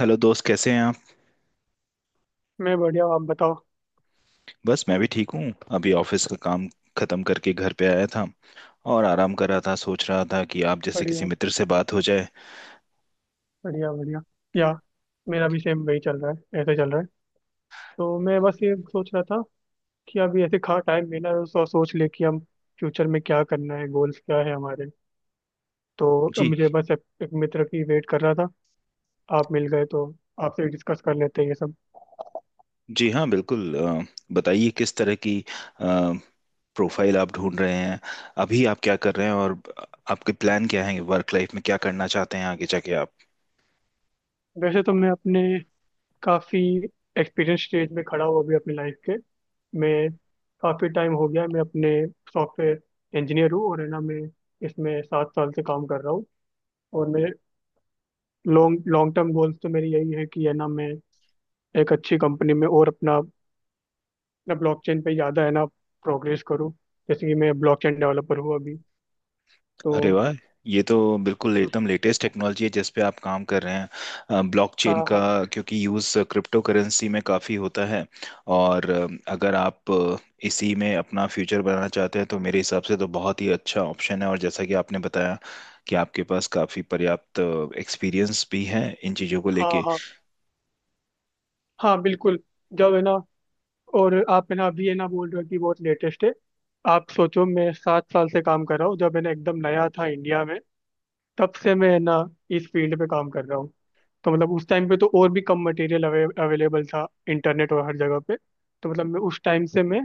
Hello दोस्त, कैसे हैं आप। मैं बढ़िया हूँ, आप बताओ। बस मैं भी ठीक हूँ। अभी ऑफिस का काम खत्म करके घर पे आया था और आराम कर रहा था, सोच रहा था कि आप जैसे किसी बढ़िया, मित्र से बात हो जाए। बढ़िया, बढ़िया। या। मेरा भी सेम वही चल रहा है, ऐसे चल रहा है। तो मैं बस ये सोच रहा था कि अभी ऐसे खा टाइम मिला है तो सोच ले कि हम फ्यूचर में क्या करना है, गोल्स क्या है हमारे। तो अब जी। मुझे बस एक मित्र की वेट कर रहा था। आप मिल गए तो आपसे डिस्कस कर लेते हैं ये सब। जी हाँ, बिल्कुल। बताइए किस तरह की प्रोफाइल आप ढूंढ रहे हैं, अभी आप क्या कर रहे हैं और आपके प्लान क्या हैं, वर्क लाइफ में क्या करना चाहते हैं आगे जाके आप। वैसे तो मैं अपने काफ़ी एक्सपीरियंस स्टेज में खड़ा हूँ अभी अपनी लाइफ के। मैं काफ़ी टाइम हो गया, मैं अपने सॉफ्टवेयर इंजीनियर हूँ, और है ना मैं इसमें 7 साल से काम कर रहा हूँ। और मेरे लॉन्ग लॉन्ग टर्म गोल्स तो मेरी यही है कि है ना मैं एक अच्छी कंपनी में और अपना अपना ब्लॉकचेन पे ज़्यादा है ना प्रोग्रेस करूँ। जैसे कि मैं ब्लॉकचेन डेवलपर हूँ अभी तो। अरे वाह, ये तो बिल्कुल एकदम लेटेस्ट टेक्नोलॉजी है जिस पे आप काम कर रहे हैं, हाँ, ब्लॉकचेन का। हाँ, क्योंकि यूज़ क्रिप्टो करेंसी में काफ़ी होता है। और अगर आप इसी में अपना फ्यूचर बनाना चाहते हैं तो मेरे हिसाब से तो बहुत ही अच्छा ऑप्शन है। और जैसा कि आपने बताया कि आपके पास काफ़ी पर्याप्त एक्सपीरियंस भी है इन चीज़ों को हाँ, लेके। हाँ, हाँ, बिल्कुल। जब है ना और आप है ना अभी है ना बोल रहे हो कि बहुत लेटेस्ट है। आप सोचो, मैं 7 साल से काम कर रहा हूँ, जब है ना एकदम नया था इंडिया में। तब से मैं है ना इस फील्ड पे काम कर रहा हूँ। तो मतलब उस टाइम पे तो और भी कम मटेरियल अवेलेबल था, इंटरनेट और हर जगह पे। तो मतलब मैं उस टाइम से मैं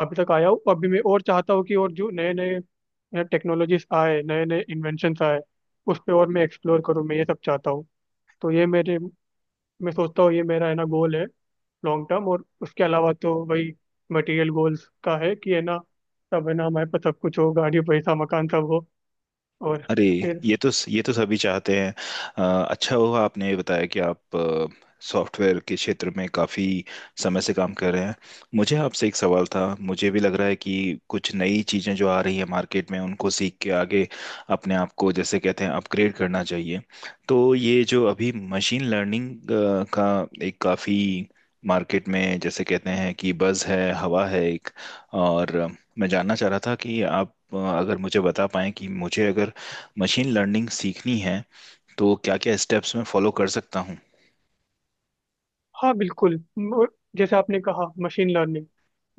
अभी तक आया हूँ। अभी मैं और चाहता हूँ कि और जो नए नए टेक्नोलॉजीज आए, नए नए इन्वेंशंस आए, उस पर और मैं एक्सप्लोर करूँ, मैं ये सब चाहता हूँ। तो ये मेरे, मैं सोचता हूँ ये मेरा है ना गोल है, लॉन्ग टर्म। और उसके अलावा तो वही मटेरियल गोल्स का है कि है ना सब है ना हमारे पास सब कुछ हो, गाड़ी पैसा मकान सब हो। और अरे, फिर। ये तो सभी चाहते हैं। अच्छा हुआ आपने ये बताया कि आप सॉफ्टवेयर के क्षेत्र में काफ़ी समय से काम कर रहे हैं। मुझे आपसे एक सवाल था। मुझे भी लग रहा है कि कुछ नई चीज़ें जो आ रही है मार्केट में उनको सीख के आगे अपने आप को, जैसे कहते हैं, अपग्रेड करना चाहिए। तो ये जो अभी मशीन लर्निंग का एक काफ़ी मार्केट में, जैसे कहते हैं कि बज़ है, हवा है एक। और मैं जानना चाह रहा था कि आप, अगर मुझे बता पाएं कि मुझे अगर मशीन लर्निंग सीखनी है तो क्या क्या स्टेप्स मैं फॉलो कर सकता हूँ। हाँ, बिल्कुल। जैसे आपने कहा, मशीन लर्निंग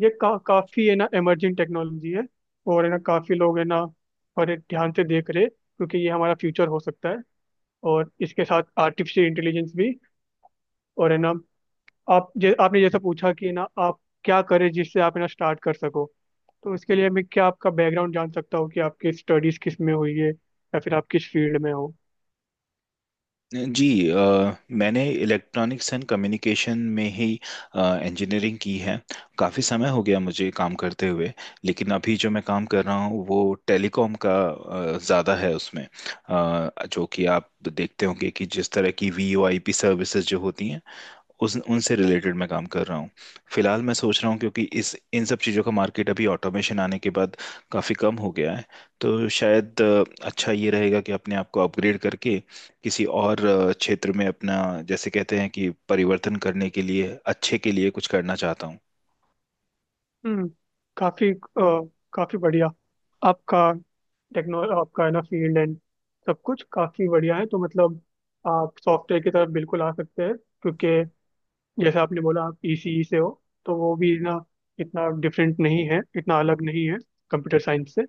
ये काफी है ना इमर्जिंग टेक्नोलॉजी है। और है ना काफी लोग है ना और ये ध्यान से देख रहे, क्योंकि ये हमारा फ्यूचर हो सकता है। और इसके साथ आर्टिफिशियल इंटेलिजेंस भी। और है ना आपने जैसा पूछा कि ना आप क्या करें जिससे आप है ना स्टार्ट कर सको। तो इसके लिए मैं क्या आपका बैकग्राउंड जान सकता हूँ कि आपकी स्टडीज किस में हुई है या फिर आप किस फील्ड में हो। जी, मैंने इलेक्ट्रॉनिक्स एंड कम्युनिकेशन में ही इंजीनियरिंग की है। काफ़ी समय हो गया मुझे काम करते हुए, लेकिन अभी जो मैं काम कर रहा हूँ वो टेलीकॉम का ज़्यादा है। उसमें जो कि आप देखते होंगे कि जिस तरह की VoIP सर्विसेज जो होती हैं उस उनसे रिलेटेड मैं काम कर रहा हूँ। फिलहाल मैं सोच रहा हूँ क्योंकि इस इन सब चीज़ों का मार्केट अभी ऑटोमेशन आने के बाद काफ़ी कम हो गया है। तो शायद अच्छा ये रहेगा कि अपने आप को अपग्रेड करके किसी और क्षेत्र में अपना, जैसे कहते हैं कि, परिवर्तन करने के लिए, अच्छे के लिए कुछ करना चाहता हूँ। हम्म। काफी अ, काफी बढ़िया। आपका आपका है ना फील्ड एंड सब कुछ काफी बढ़िया है। तो मतलब आप सॉफ्टवेयर की तरफ बिल्कुल आ सकते हैं। क्योंकि जैसे आपने बोला आप ईसीई से हो, तो वो भी ना इतना डिफरेंट नहीं है, इतना अलग नहीं है कंप्यूटर साइंस से।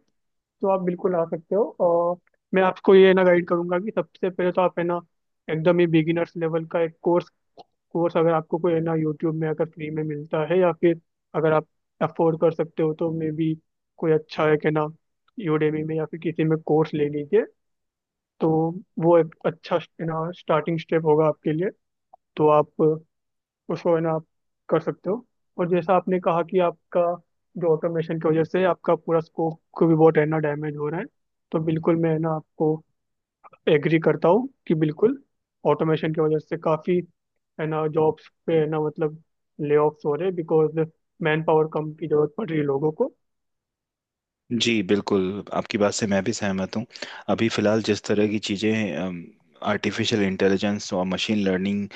तो आप बिल्कुल आ सकते हो। और मैं आपको ये ना गाइड करूंगा कि सबसे पहले तो आप है ना एकदम ही बिगिनर्स लेवल का एक कोर्स कोर्स अगर आपको कोई है ना यूट्यूब में अगर फ्री में मिलता है या फिर अगर आप अफोर्ड कर सकते हो तो मे बी कोई अच्छा है कि ना यूडेमी में या फिर किसी में कोर्स ले लीजिए। तो वो एक अच्छा है ना स्टार्टिंग स्टेप होगा आपके लिए। तो आप उसको है ना आप कर सकते हो। और जैसा आपने कहा कि आपका जो ऑटोमेशन की वजह से आपका पूरा स्कोप को भी बहुत है ना डैमेज हो रहा है। तो बिल्कुल मैं है ना आपको एग्री करता हूँ कि बिल्कुल ऑटोमेशन की वजह से काफ़ी है ना जॉब्स पे है ना मतलब ले ऑफ्स हो रहे, बिकॉज मैन पावर कम की जरूरत पड़ रही है लोगों को। जी बिल्कुल, आपकी बात से मैं भी सहमत हूँ। अभी फ़िलहाल जिस तरह की चीज़ें आर्टिफिशियल इंटेलिजेंस और मशीन लर्निंग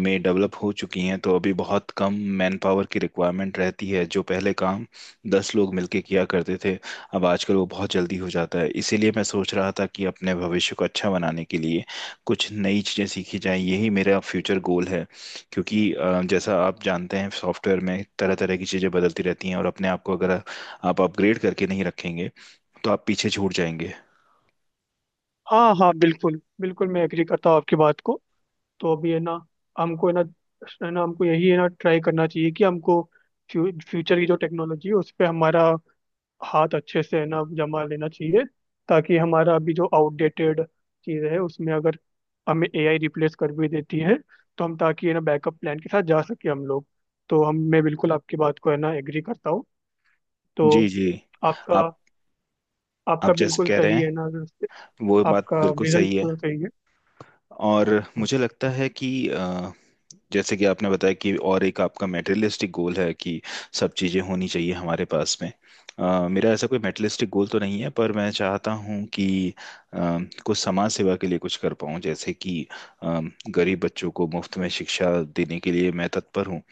में डेवलप हो चुकी हैं तो अभी बहुत कम मैन पावर की रिक्वायरमेंट रहती है। जो पहले काम 10 लोग मिलके किया करते थे, अब आजकल वो बहुत जल्दी हो जाता है। इसीलिए मैं सोच रहा था कि अपने भविष्य को अच्छा बनाने के लिए कुछ नई चीज़ें सीखी जाएं, यही मेरा फ्यूचर गोल है। क्योंकि जैसा आप जानते हैं सॉफ्टवेयर में तरह तरह की चीज़ें बदलती रहती हैं और अपने आप को अगर आप अपग्रेड करके नहीं रखेंगे तो आप पीछे छूट जाएंगे। हाँ, हाँ, बिल्कुल, बिल्कुल, मैं एग्री करता हूँ आपकी बात को। तो अभी है ना हमको है ना हमको यही है ना ट्राई करना चाहिए कि हमको फ्यूचर की जो टेक्नोलॉजी है उस पर हमारा हाथ अच्छे से है ना जमा लेना चाहिए। ताकि हमारा अभी जो आउटडेटेड चीज़ है उसमें अगर हमें एआई रिप्लेस कर भी देती है, तो हम ताकि है ना बैकअप प्लान के साथ जा सके हम लोग। तो हम मैं बिल्कुल आपकी बात को है ना एग्री करता हूँ। जी। तो जी। आपका आप आपका आप जैसे बिल्कुल कह रहे सही है हैं ना, वो बात आपका बिल्कुल विजन सही है। बिल्कुल सही है। और मुझे लगता है कि जैसे कि आपने बताया कि और एक आपका मेटेरियलिस्टिक गोल है कि सब चीज़ें होनी चाहिए हमारे पास में। मेरा ऐसा कोई मेटेरियलिस्टिक गोल तो नहीं है, पर मैं चाहता हूँ कि अ, कुछ समाज सेवा के लिए कुछ कर पाऊँ, जैसे कि अ, गरीब बच्चों को मुफ्त में शिक्षा देने के लिए मैं तत्पर हूँ।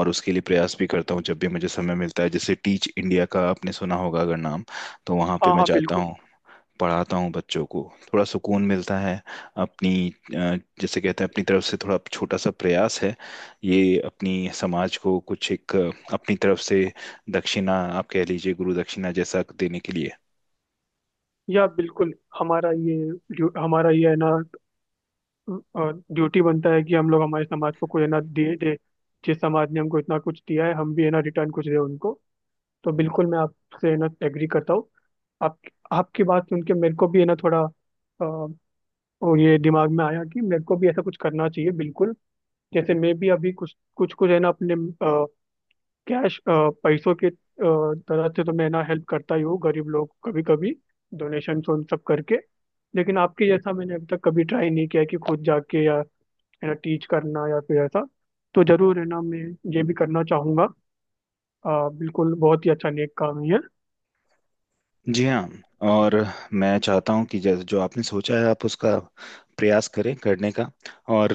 और उसके लिए प्रयास भी करता हूँ जब भी मुझे समय मिलता है। जैसे टीच इंडिया का आपने सुना होगा अगर नाम, तो वहाँ पे हाँ, मैं हाँ, जाता बिल्कुल। हूँ, पढ़ाता हूँ बच्चों को, थोड़ा सुकून मिलता है अपनी। जैसे कहते हैं अपनी तरफ से थोड़ा छोटा सा प्रयास है ये, अपनी समाज को कुछ एक अपनी तरफ से दक्षिणा आप कह लीजिए, गुरु दक्षिणा जैसा देने के लिए। या, बिल्कुल। हमारा ये है ना ड्यूटी बनता है कि हम लोग हमारे समाज को कोई है ना दे दे। जिस समाज ने हमको इतना कुछ दिया है हम भी है ना रिटर्न कुछ दे उनको। तो बिल्कुल मैं आपसे है ना एग्री करता हूँ। आप आपकी बात सुन के मेरे को भी है ना थोड़ा वो ये दिमाग में आया कि मेरे को भी ऐसा कुछ करना चाहिए बिल्कुल। जैसे मैं भी अभी कुछ कुछ कुछ है ना अपने कैश पैसों के तरह से तो मैं ना हेल्प करता ही हूँ गरीब लोग कभी कभी डोनेशन उन सब करके। लेकिन आपके जैसा मैंने अब तक कभी ट्राई नहीं किया कि खुद जाके या है ना टीच करना या फिर ऐसा। तो जरूर है ना मैं ये भी करना चाहूंगा। बिल्कुल बहुत ही अच्छा नेक काम है ये। जी हाँ। और मैं चाहता हूँ कि जैसे जो आपने सोचा है आप उसका प्रयास करें करने का। और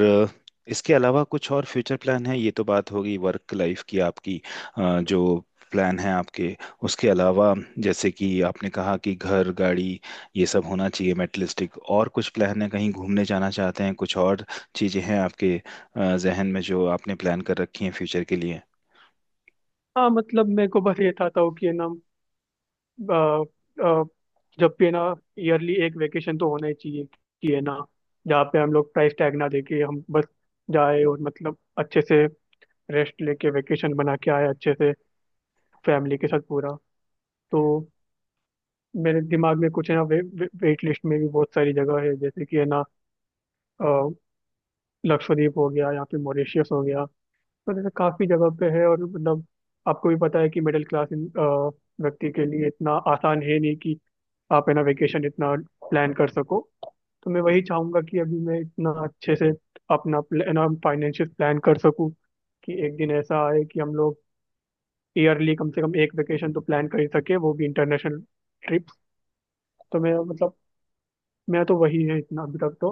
इसके अलावा कुछ और फ्यूचर प्लान है? ये तो बात होगी वर्क लाइफ की आपकी, जो प्लान है आपके, उसके अलावा, जैसे कि आपने कहा कि घर, गाड़ी ये सब होना चाहिए मेटलिस्टिक, और कुछ प्लान है? कहीं घूमने जाना चाहते हैं? कुछ और चीज़ें हैं आपके जहन में जो आपने प्लान कर रखी हैं फ्यूचर के लिए? हाँ, मतलब मेरे को बस ये था कि है ना अ, अ, जब भी है ना ईयरली एक वेकेशन तो होना ही चाहिए कि है ना जहाँ पे हम लोग प्राइस टैग ना देके हम बस जाए और मतलब अच्छे से रेस्ट लेके वेकेशन बना के आए अच्छे से फैमिली के साथ पूरा। तो मेरे दिमाग में कुछ है ना वे, वे, वेट लिस्ट में भी बहुत सारी जगह है, जैसे कि है ना अ, लक्षद्वीप हो गया या फिर मॉरिशियस हो गया। तो जैसे काफी जगह पे है और मतलब आपको भी पता है कि मिडिल क्लास व्यक्ति के लिए इतना आसान है नहीं कि आप है ना वेकेशन इतना प्लान कर सको। तो मैं वही चाहूंगा कि अभी मैं इतना अच्छे से अपना है ना फाइनेंशियल प्लान कर सकूं कि एक दिन ऐसा आए कि हम लोग ईयरली कम से कम एक वेकेशन तो प्लान कर ही सके, वो भी इंटरनेशनल ट्रिप। तो मैं मतलब मैं तो वही है इतना अभी तक तो।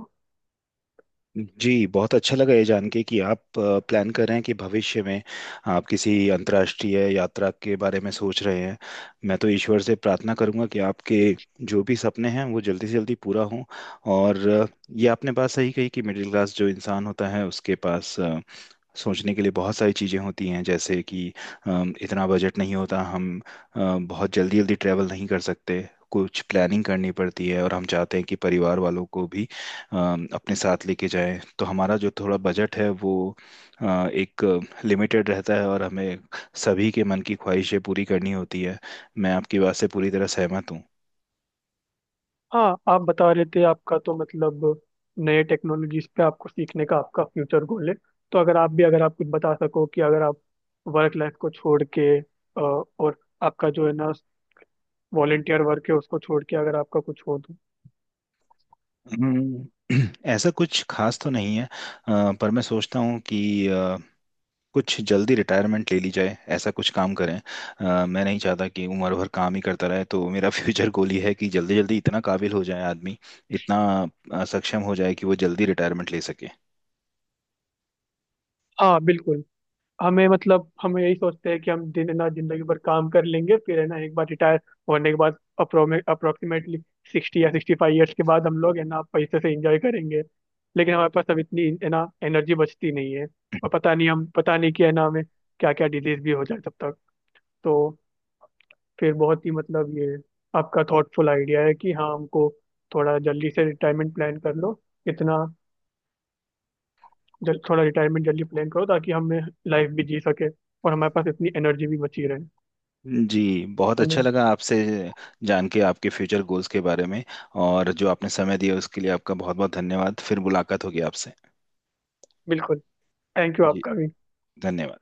जी, बहुत अच्छा लगा ये जान के कि आप प्लान कर रहे हैं कि भविष्य में आप किसी अंतर्राष्ट्रीय यात्रा के बारे में सोच रहे हैं। मैं तो ईश्वर से प्रार्थना करूंगा कि आपके जो भी सपने हैं वो जल्दी से जल्दी पूरा हों। और ये आपने बात सही कही कि मिडिल क्लास जो इंसान होता है उसके पास सोचने के लिए बहुत सारी चीज़ें होती हैं। जैसे कि इतना बजट नहीं होता, हम बहुत जल्दी जल्दी ट्रैवल नहीं कर सकते, कुछ प्लानिंग करनी पड़ती है। और हम चाहते हैं कि परिवार वालों को भी अपने साथ लेके जाएं, तो हमारा जो थोड़ा बजट है वो अ, एक लिमिटेड रहता है, और हमें सभी के मन की ख्वाहिशें पूरी करनी होती है। मैं आपकी बात से पूरी तरह सहमत हूँ। हाँ, आप बता रहे थे आपका तो मतलब नए टेक्नोलॉजीज पे आपको सीखने का आपका फ्यूचर गोल है। तो अगर आप कुछ बता सको कि अगर आप वर्क लाइफ को छोड़ के और आपका जो है ना वॉलेंटियर वर्क है उसको छोड़ के अगर आपका कुछ हो तो। हम्म, ऐसा कुछ खास तो नहीं है। पर मैं सोचता हूँ कि कुछ जल्दी रिटायरमेंट ले ली जाए, ऐसा कुछ काम करें। मैं नहीं चाहता कि उम्र भर काम ही करता रहे, तो मेरा फ्यूचर गोल ये है कि जल्दी जल्दी इतना काबिल हो जाए आदमी, इतना सक्षम हो जाए कि वो जल्दी रिटायरमेंट ले सके। हाँ, बिल्कुल। हमें मतलब हम यही सोचते हैं कि हम दिन है ना जिंदगी भर काम कर लेंगे फिर है ना एक बार रिटायर होने के बाद अप्रोक्सीमेटली 60 या 65 ईयर्स के बाद हम लोग है ना पैसे से एंजॉय करेंगे। लेकिन हमारे पास अब इतनी है ना एनर्जी बचती नहीं है। और पता नहीं कि है ना हमें क्या क्या डिजीज भी हो जाए तब तक। तो फिर बहुत ही मतलब ये आपका थॉटफुल आइडिया है कि हाँ, हमको थोड़ा जल्दी से रिटायरमेंट प्लान कर लो। इतना थोड़ा रिटायरमेंट जल्दी प्लान करो ताकि हमें लाइफ भी जी सके और हमारे पास इतनी एनर्जी भी बची रहे। जी, बहुत तो मैं अच्छा लगा आपसे जान के आपके फ्यूचर गोल्स के बारे में। और जो आपने समय दिया उसके लिए आपका बहुत बहुत धन्यवाद। फिर मुलाकात होगी आपसे। बिल्कुल, थैंक यू जी, आपका भी। धन्यवाद।